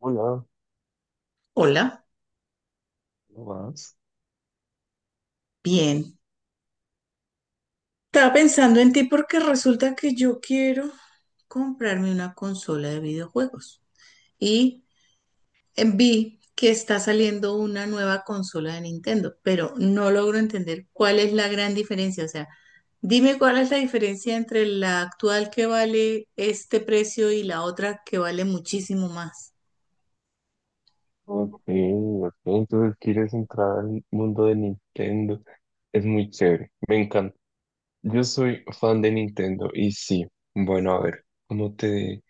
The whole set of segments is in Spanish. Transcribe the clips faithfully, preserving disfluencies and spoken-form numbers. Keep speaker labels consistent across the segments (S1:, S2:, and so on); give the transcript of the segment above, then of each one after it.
S1: Hola,
S2: Hola,
S1: ¿cómo vas?
S2: bien. Estaba pensando en ti porque resulta que yo quiero comprarme una consola de videojuegos y eh, vi que está saliendo una nueva consola de Nintendo, pero no logro entender cuál es la gran diferencia. O sea, dime cuál es la diferencia entre la actual que vale este precio y la otra que vale muchísimo más.
S1: Ok, ok, entonces quieres entrar al mundo de Nintendo. Es muy chévere, me encanta. Yo soy fan de Nintendo y sí, bueno, a ver, ¿cómo te,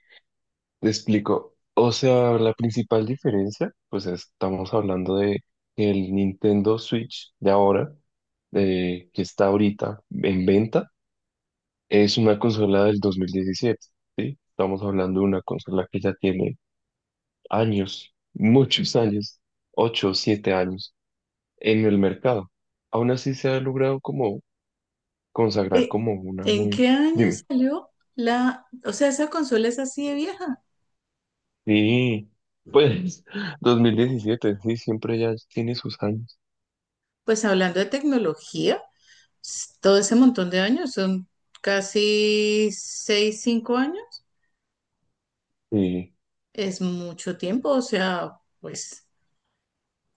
S1: te explico? O sea, la principal diferencia, pues estamos hablando de que el Nintendo Switch de ahora, eh, que está ahorita en venta, es una consola del dos mil diecisiete, ¿sí? Estamos hablando de una consola que ya tiene años, muchos años, ocho o siete años en el mercado. Aún así se ha logrado como consagrar
S2: Eh,
S1: como una
S2: ¿En
S1: muy…
S2: qué año
S1: Dime.
S2: salió la, o sea, esa consola es así de vieja?
S1: Sí, pues dos mil diecisiete sí, siempre ya tiene sus años.
S2: Pues hablando de tecnología. S- todo ese montón de años, son casi seis, cinco años,
S1: Sí,
S2: es mucho tiempo, o sea, pues,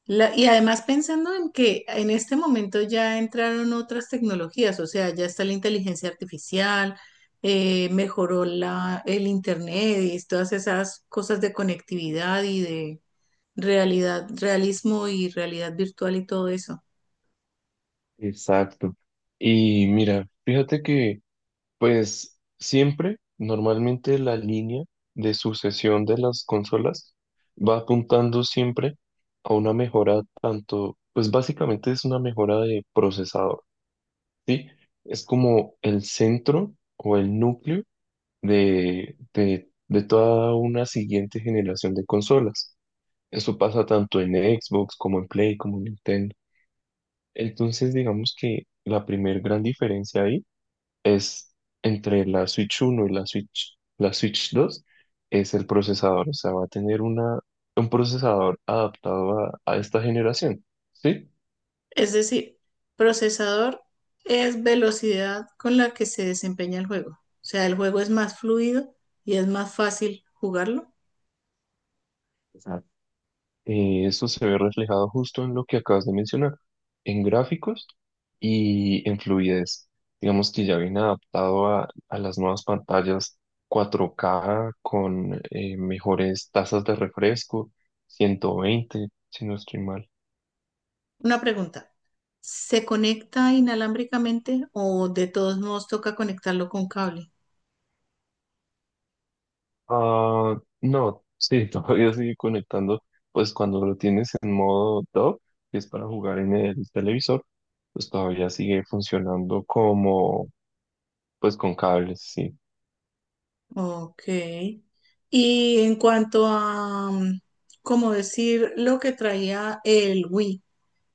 S2: la- y además pensando en que en este momento ya entraron otras tecnologías, o sea, ya está la inteligencia artificial, eh, mejoró la, el internet y todas esas cosas de conectividad y de realidad, realismo y realidad virtual y todo eso.
S1: exacto. Y mira, fíjate que pues siempre, normalmente la línea de sucesión de las consolas va apuntando siempre a una mejora tanto, pues básicamente es una mejora de procesador. ¿Sí? Es como el centro o el núcleo de, de, de toda una siguiente generación de consolas. Eso pasa tanto en Xbox como en Play, como en Nintendo. Entonces, digamos que la primer gran diferencia ahí es entre la Switch uno y la Switch, la Switch dos es el procesador. O sea, va a tener una, un procesador adaptado a, a esta generación, ¿sí?
S2: Es decir, procesador es velocidad con la que se desempeña el juego. O sea, el juego es más fluido y es más fácil jugarlo.
S1: Eh, esto se ve reflejado justo en lo que acabas de mencionar, en gráficos y en fluidez. Digamos que ya viene adaptado a, a las nuevas pantallas cuatro K con eh, mejores tasas de refresco, ciento veinte, si no estoy mal.
S2: Una pregunta, ¿se conecta inalámbricamente o de todos modos toca conectarlo con cable?
S1: Ah, no, sí, todavía sigue conectando, pues cuando lo tienes en modo dock, que es para jugar en el televisor, pues todavía sigue funcionando como, pues con cables, sí.
S2: Ok. Y en cuanto a, mm, como decir, lo que traía el Wii,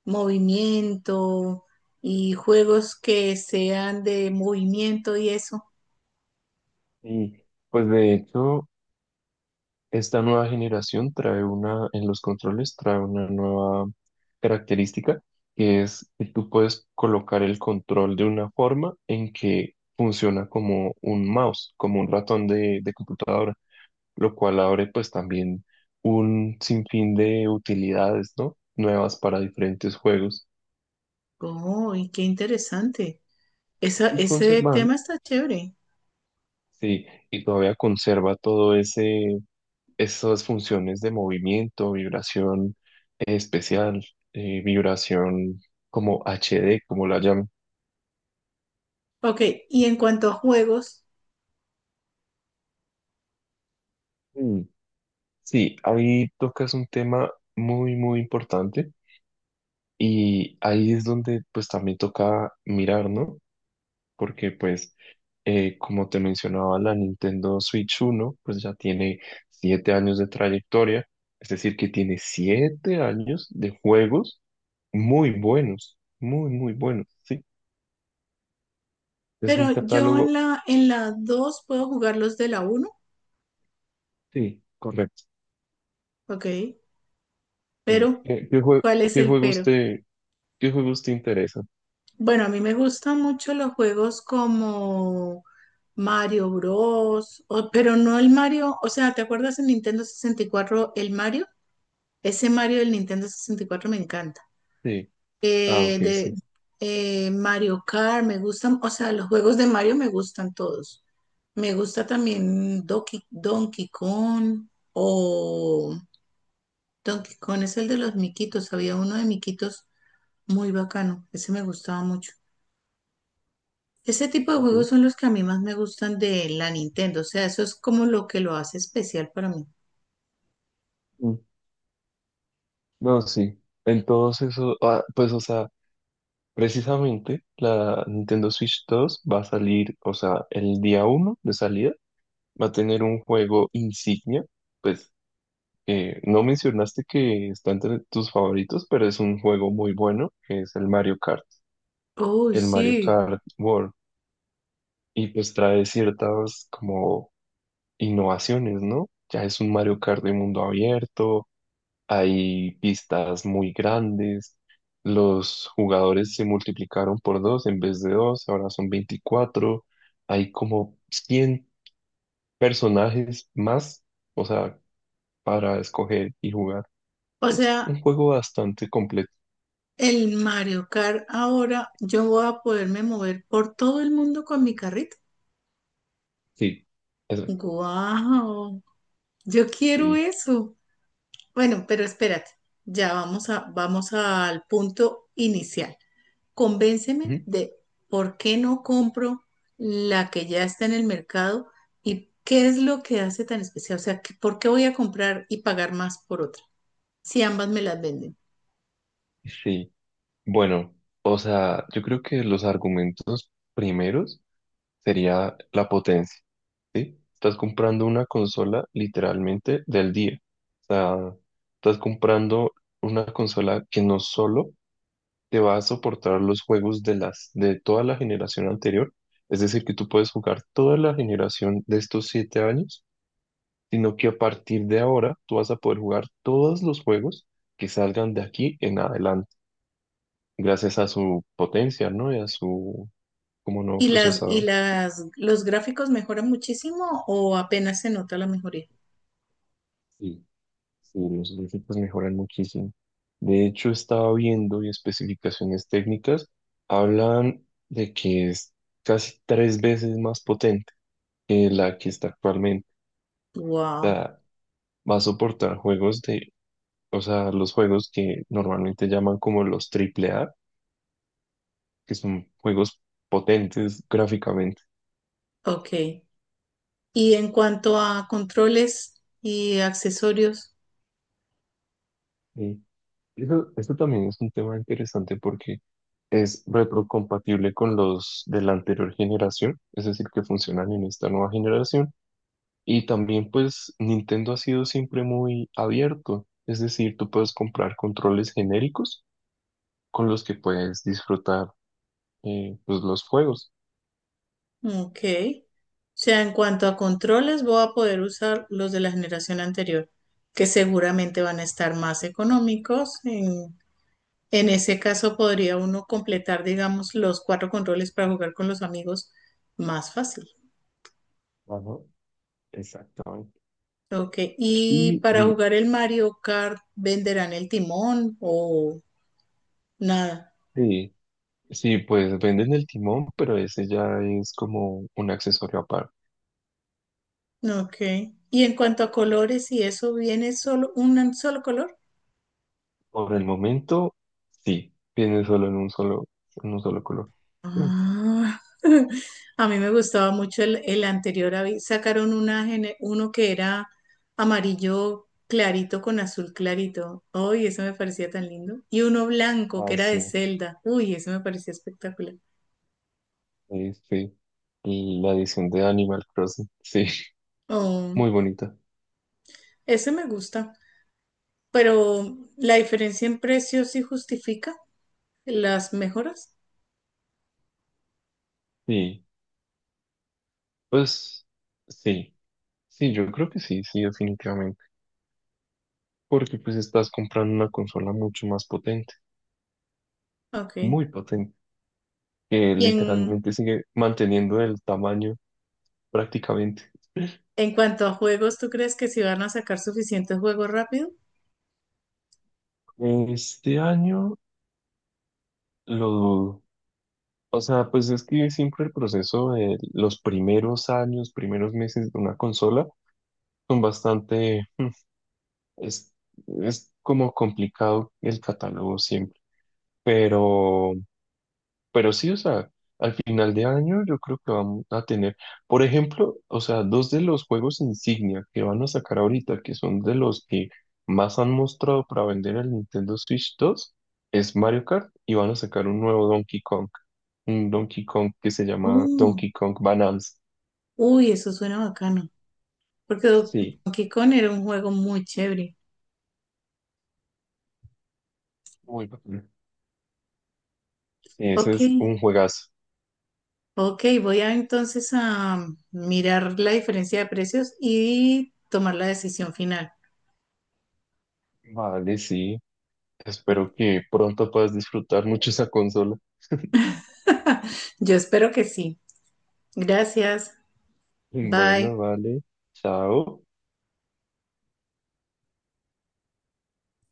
S2: movimiento y juegos que sean de movimiento y eso.
S1: Y pues de hecho, esta nueva generación trae una, en los controles, trae una nueva característica que es que tú puedes colocar el control de una forma en que funciona como un mouse, como un ratón de, de computadora, lo cual abre pues también un sinfín de utilidades, ¿no? Nuevas para diferentes juegos
S2: Oh, y qué interesante. Esa,
S1: y
S2: ese
S1: conservan,
S2: tema está chévere.
S1: sí, y todavía conserva todo ese estas funciones de movimiento, vibración eh, especial, eh, vibración como H D, como la llaman.
S2: Ok, y en cuanto a juegos,
S1: Mm. Sí, ahí tocas un tema muy, muy importante y ahí es donde pues también toca mirar, ¿no? Porque pues, eh, como te mencionaba, la Nintendo Switch uno pues ya tiene siete años de trayectoria, es decir, que tiene siete años de juegos muy buenos, muy, muy buenos, sí. Es un
S2: pero yo en
S1: catálogo.
S2: la, en la dos puedo jugar los de la uno,
S1: Sí, correcto.
S2: ok,
S1: Sí.
S2: pero
S1: ¿Qué, qué jue-
S2: ¿cuál es
S1: qué
S2: el
S1: juegos
S2: pero?
S1: te, Qué juegos te interesan?
S2: Bueno, a mí me gustan mucho los juegos como Mario Bros, o- pero no el Mario, o sea, ¿te acuerdas en Nintendo sesenta y cuatro el Mario? Ese Mario del Nintendo sesenta y cuatro me encanta.
S1: Sí, ah,
S2: eh,
S1: ok,
S2: de
S1: sí.
S2: eh, Mario Kart, me gustan, o sea, los juegos de Mario me gustan todos. Me gusta también Donkey, Donkey Kong o Donkey Kong es el de los miquitos, había uno de miquitos muy bacano, ese me gustaba mucho. Ese tipo de juegos
S1: Ok.
S2: son los que a mí más me gustan de la Nintendo, o sea, eso es como lo que lo hace especial para mí.
S1: Mm, no, sí. Entonces, eso, ah, pues, o sea, precisamente la Nintendo Switch dos va a salir, o sea, el día uno de salida va a tener un juego insignia. Pues, eh, no mencionaste que está entre tus favoritos, pero es un juego muy bueno, que es el Mario Kart,
S2: Uy,
S1: el Mario
S2: sí.
S1: Kart World. Y pues trae ciertas como innovaciones, ¿no? Ya es un Mario Kart de mundo abierto, hay pistas muy grandes, los jugadores se multiplicaron por dos en vez de dos, ahora son veinticuatro, hay como cien personajes más, o sea, para escoger y jugar.
S2: O
S1: Es un
S2: sea,
S1: juego bastante completo.
S2: el Mario Kart ahora yo voy a poderme mover por todo el mundo con mi carrito.
S1: Sí, eso,
S2: Wow, yo quiero
S1: sí.
S2: eso. Bueno, pero espérate, ya vamos a, vamos al punto inicial. Convénceme
S1: Ujú.
S2: de por qué no compro la que ya está en el mercado y qué es lo que hace tan especial. O sea, que- ¿por qué voy a comprar y pagar más por otra si ambas me las venden?
S1: Sí, bueno, o sea, yo creo que los argumentos primeros sería la potencia. ¿Sí? Estás comprando una consola literalmente del día. O sea, estás comprando una consola que no solo te va a soportar los juegos de las, de toda la generación anterior, es decir, que tú puedes jugar toda la generación de estos siete años, sino que a partir de ahora tú vas a poder jugar todos los juegos que salgan de aquí en adelante, gracias a su potencia, ¿no? Y a su como nuevo
S2: ¿Y las, y
S1: procesador.
S2: las, los gráficos mejoran muchísimo o apenas se nota la mejoría?
S1: Sí. Sí, los gráficos mejoran muchísimo. De hecho, estaba viendo y especificaciones técnicas hablan de que es casi tres veces más potente que la que está actualmente. O
S2: Wow,
S1: sea, va a soportar juegos de, o sea, los juegos que normalmente llaman como los triple A, que son juegos potentes gráficamente.
S2: ok. Y en cuanto a controles y accesorios,
S1: Y eso, eso también es un tema interesante porque es retrocompatible con los de la anterior generación, es decir, que funcionan en esta nueva generación. Y también pues Nintendo ha sido siempre muy abierto, es decir, tú puedes comprar controles genéricos con los que puedes disfrutar eh, pues los juegos.
S2: ok. O sea, en cuanto a controles, voy a poder usar los de la generación anterior, que seguramente van a estar más económicos. En, en ese caso, podría uno completar, digamos, los cuatro controles para jugar con los amigos más fácil.
S1: Ajá, exactamente.
S2: Ok. Y
S1: Y
S2: para
S1: di-
S2: jugar el Mario Kart, ¿venderán el timón o nada?
S1: sí, sí, pues venden el timón, pero ese ya es como un accesorio aparte.
S2: Ok. Y en cuanto a colores, ¿y eso viene solo un solo color?
S1: Por el momento, sí, viene solo en un solo, en un solo color. Mm.
S2: Ah, a mí me gustaba mucho el, el anterior. habí- Sacaron una, gene- uno que era amarillo clarito con azul clarito. Uy, eso me parecía tan lindo. Y uno blanco que
S1: Ah,
S2: era
S1: sí,
S2: de Zelda. Uy, eso me parecía espectacular.
S1: sí sí. La edición de Animal Crossing, sí,
S2: Oh,
S1: muy bonita.
S2: ese me gusta. Pero la diferencia en precios sí justifica las mejoras.
S1: Sí. Pues sí, sí, yo creo que sí, sí, definitivamente. Porque pues estás comprando una consola mucho más potente,
S2: Ok. Y
S1: muy potente, que
S2: en,
S1: literalmente sigue manteniendo el tamaño prácticamente.
S2: en cuanto a juegos, ¿tú crees que si van a sacar suficientes juegos rápido?
S1: Este año lo dudo. O sea, pues es que siempre el proceso de los primeros años, primeros meses de una consola son bastante, es, es como complicado el catálogo siempre. Pero… Pero sí, o sea, al final de año yo creo que vamos a tener, por ejemplo, o sea, dos de los juegos insignia que van a sacar ahorita, que son de los que más han mostrado para vender el Nintendo Switch dos es Mario Kart y van a sacar un nuevo Donkey Kong, un Donkey Kong que se llama
S2: Oh,
S1: Donkey Kong Bananas.
S2: uy, eso suena bacano. Porque
S1: Sí,
S2: Donkey Kong era un juego muy chévere.
S1: muy bacán. Ese
S2: Ok,
S1: es un juegazo.
S2: ok, voy a entonces a mirar la diferencia de precios y tomar la decisión final.
S1: Vale, sí. Espero que pronto puedas disfrutar mucho esa consola.
S2: Yo espero que sí. Gracias.
S1: Bueno,
S2: Bye.
S1: vale. Chao.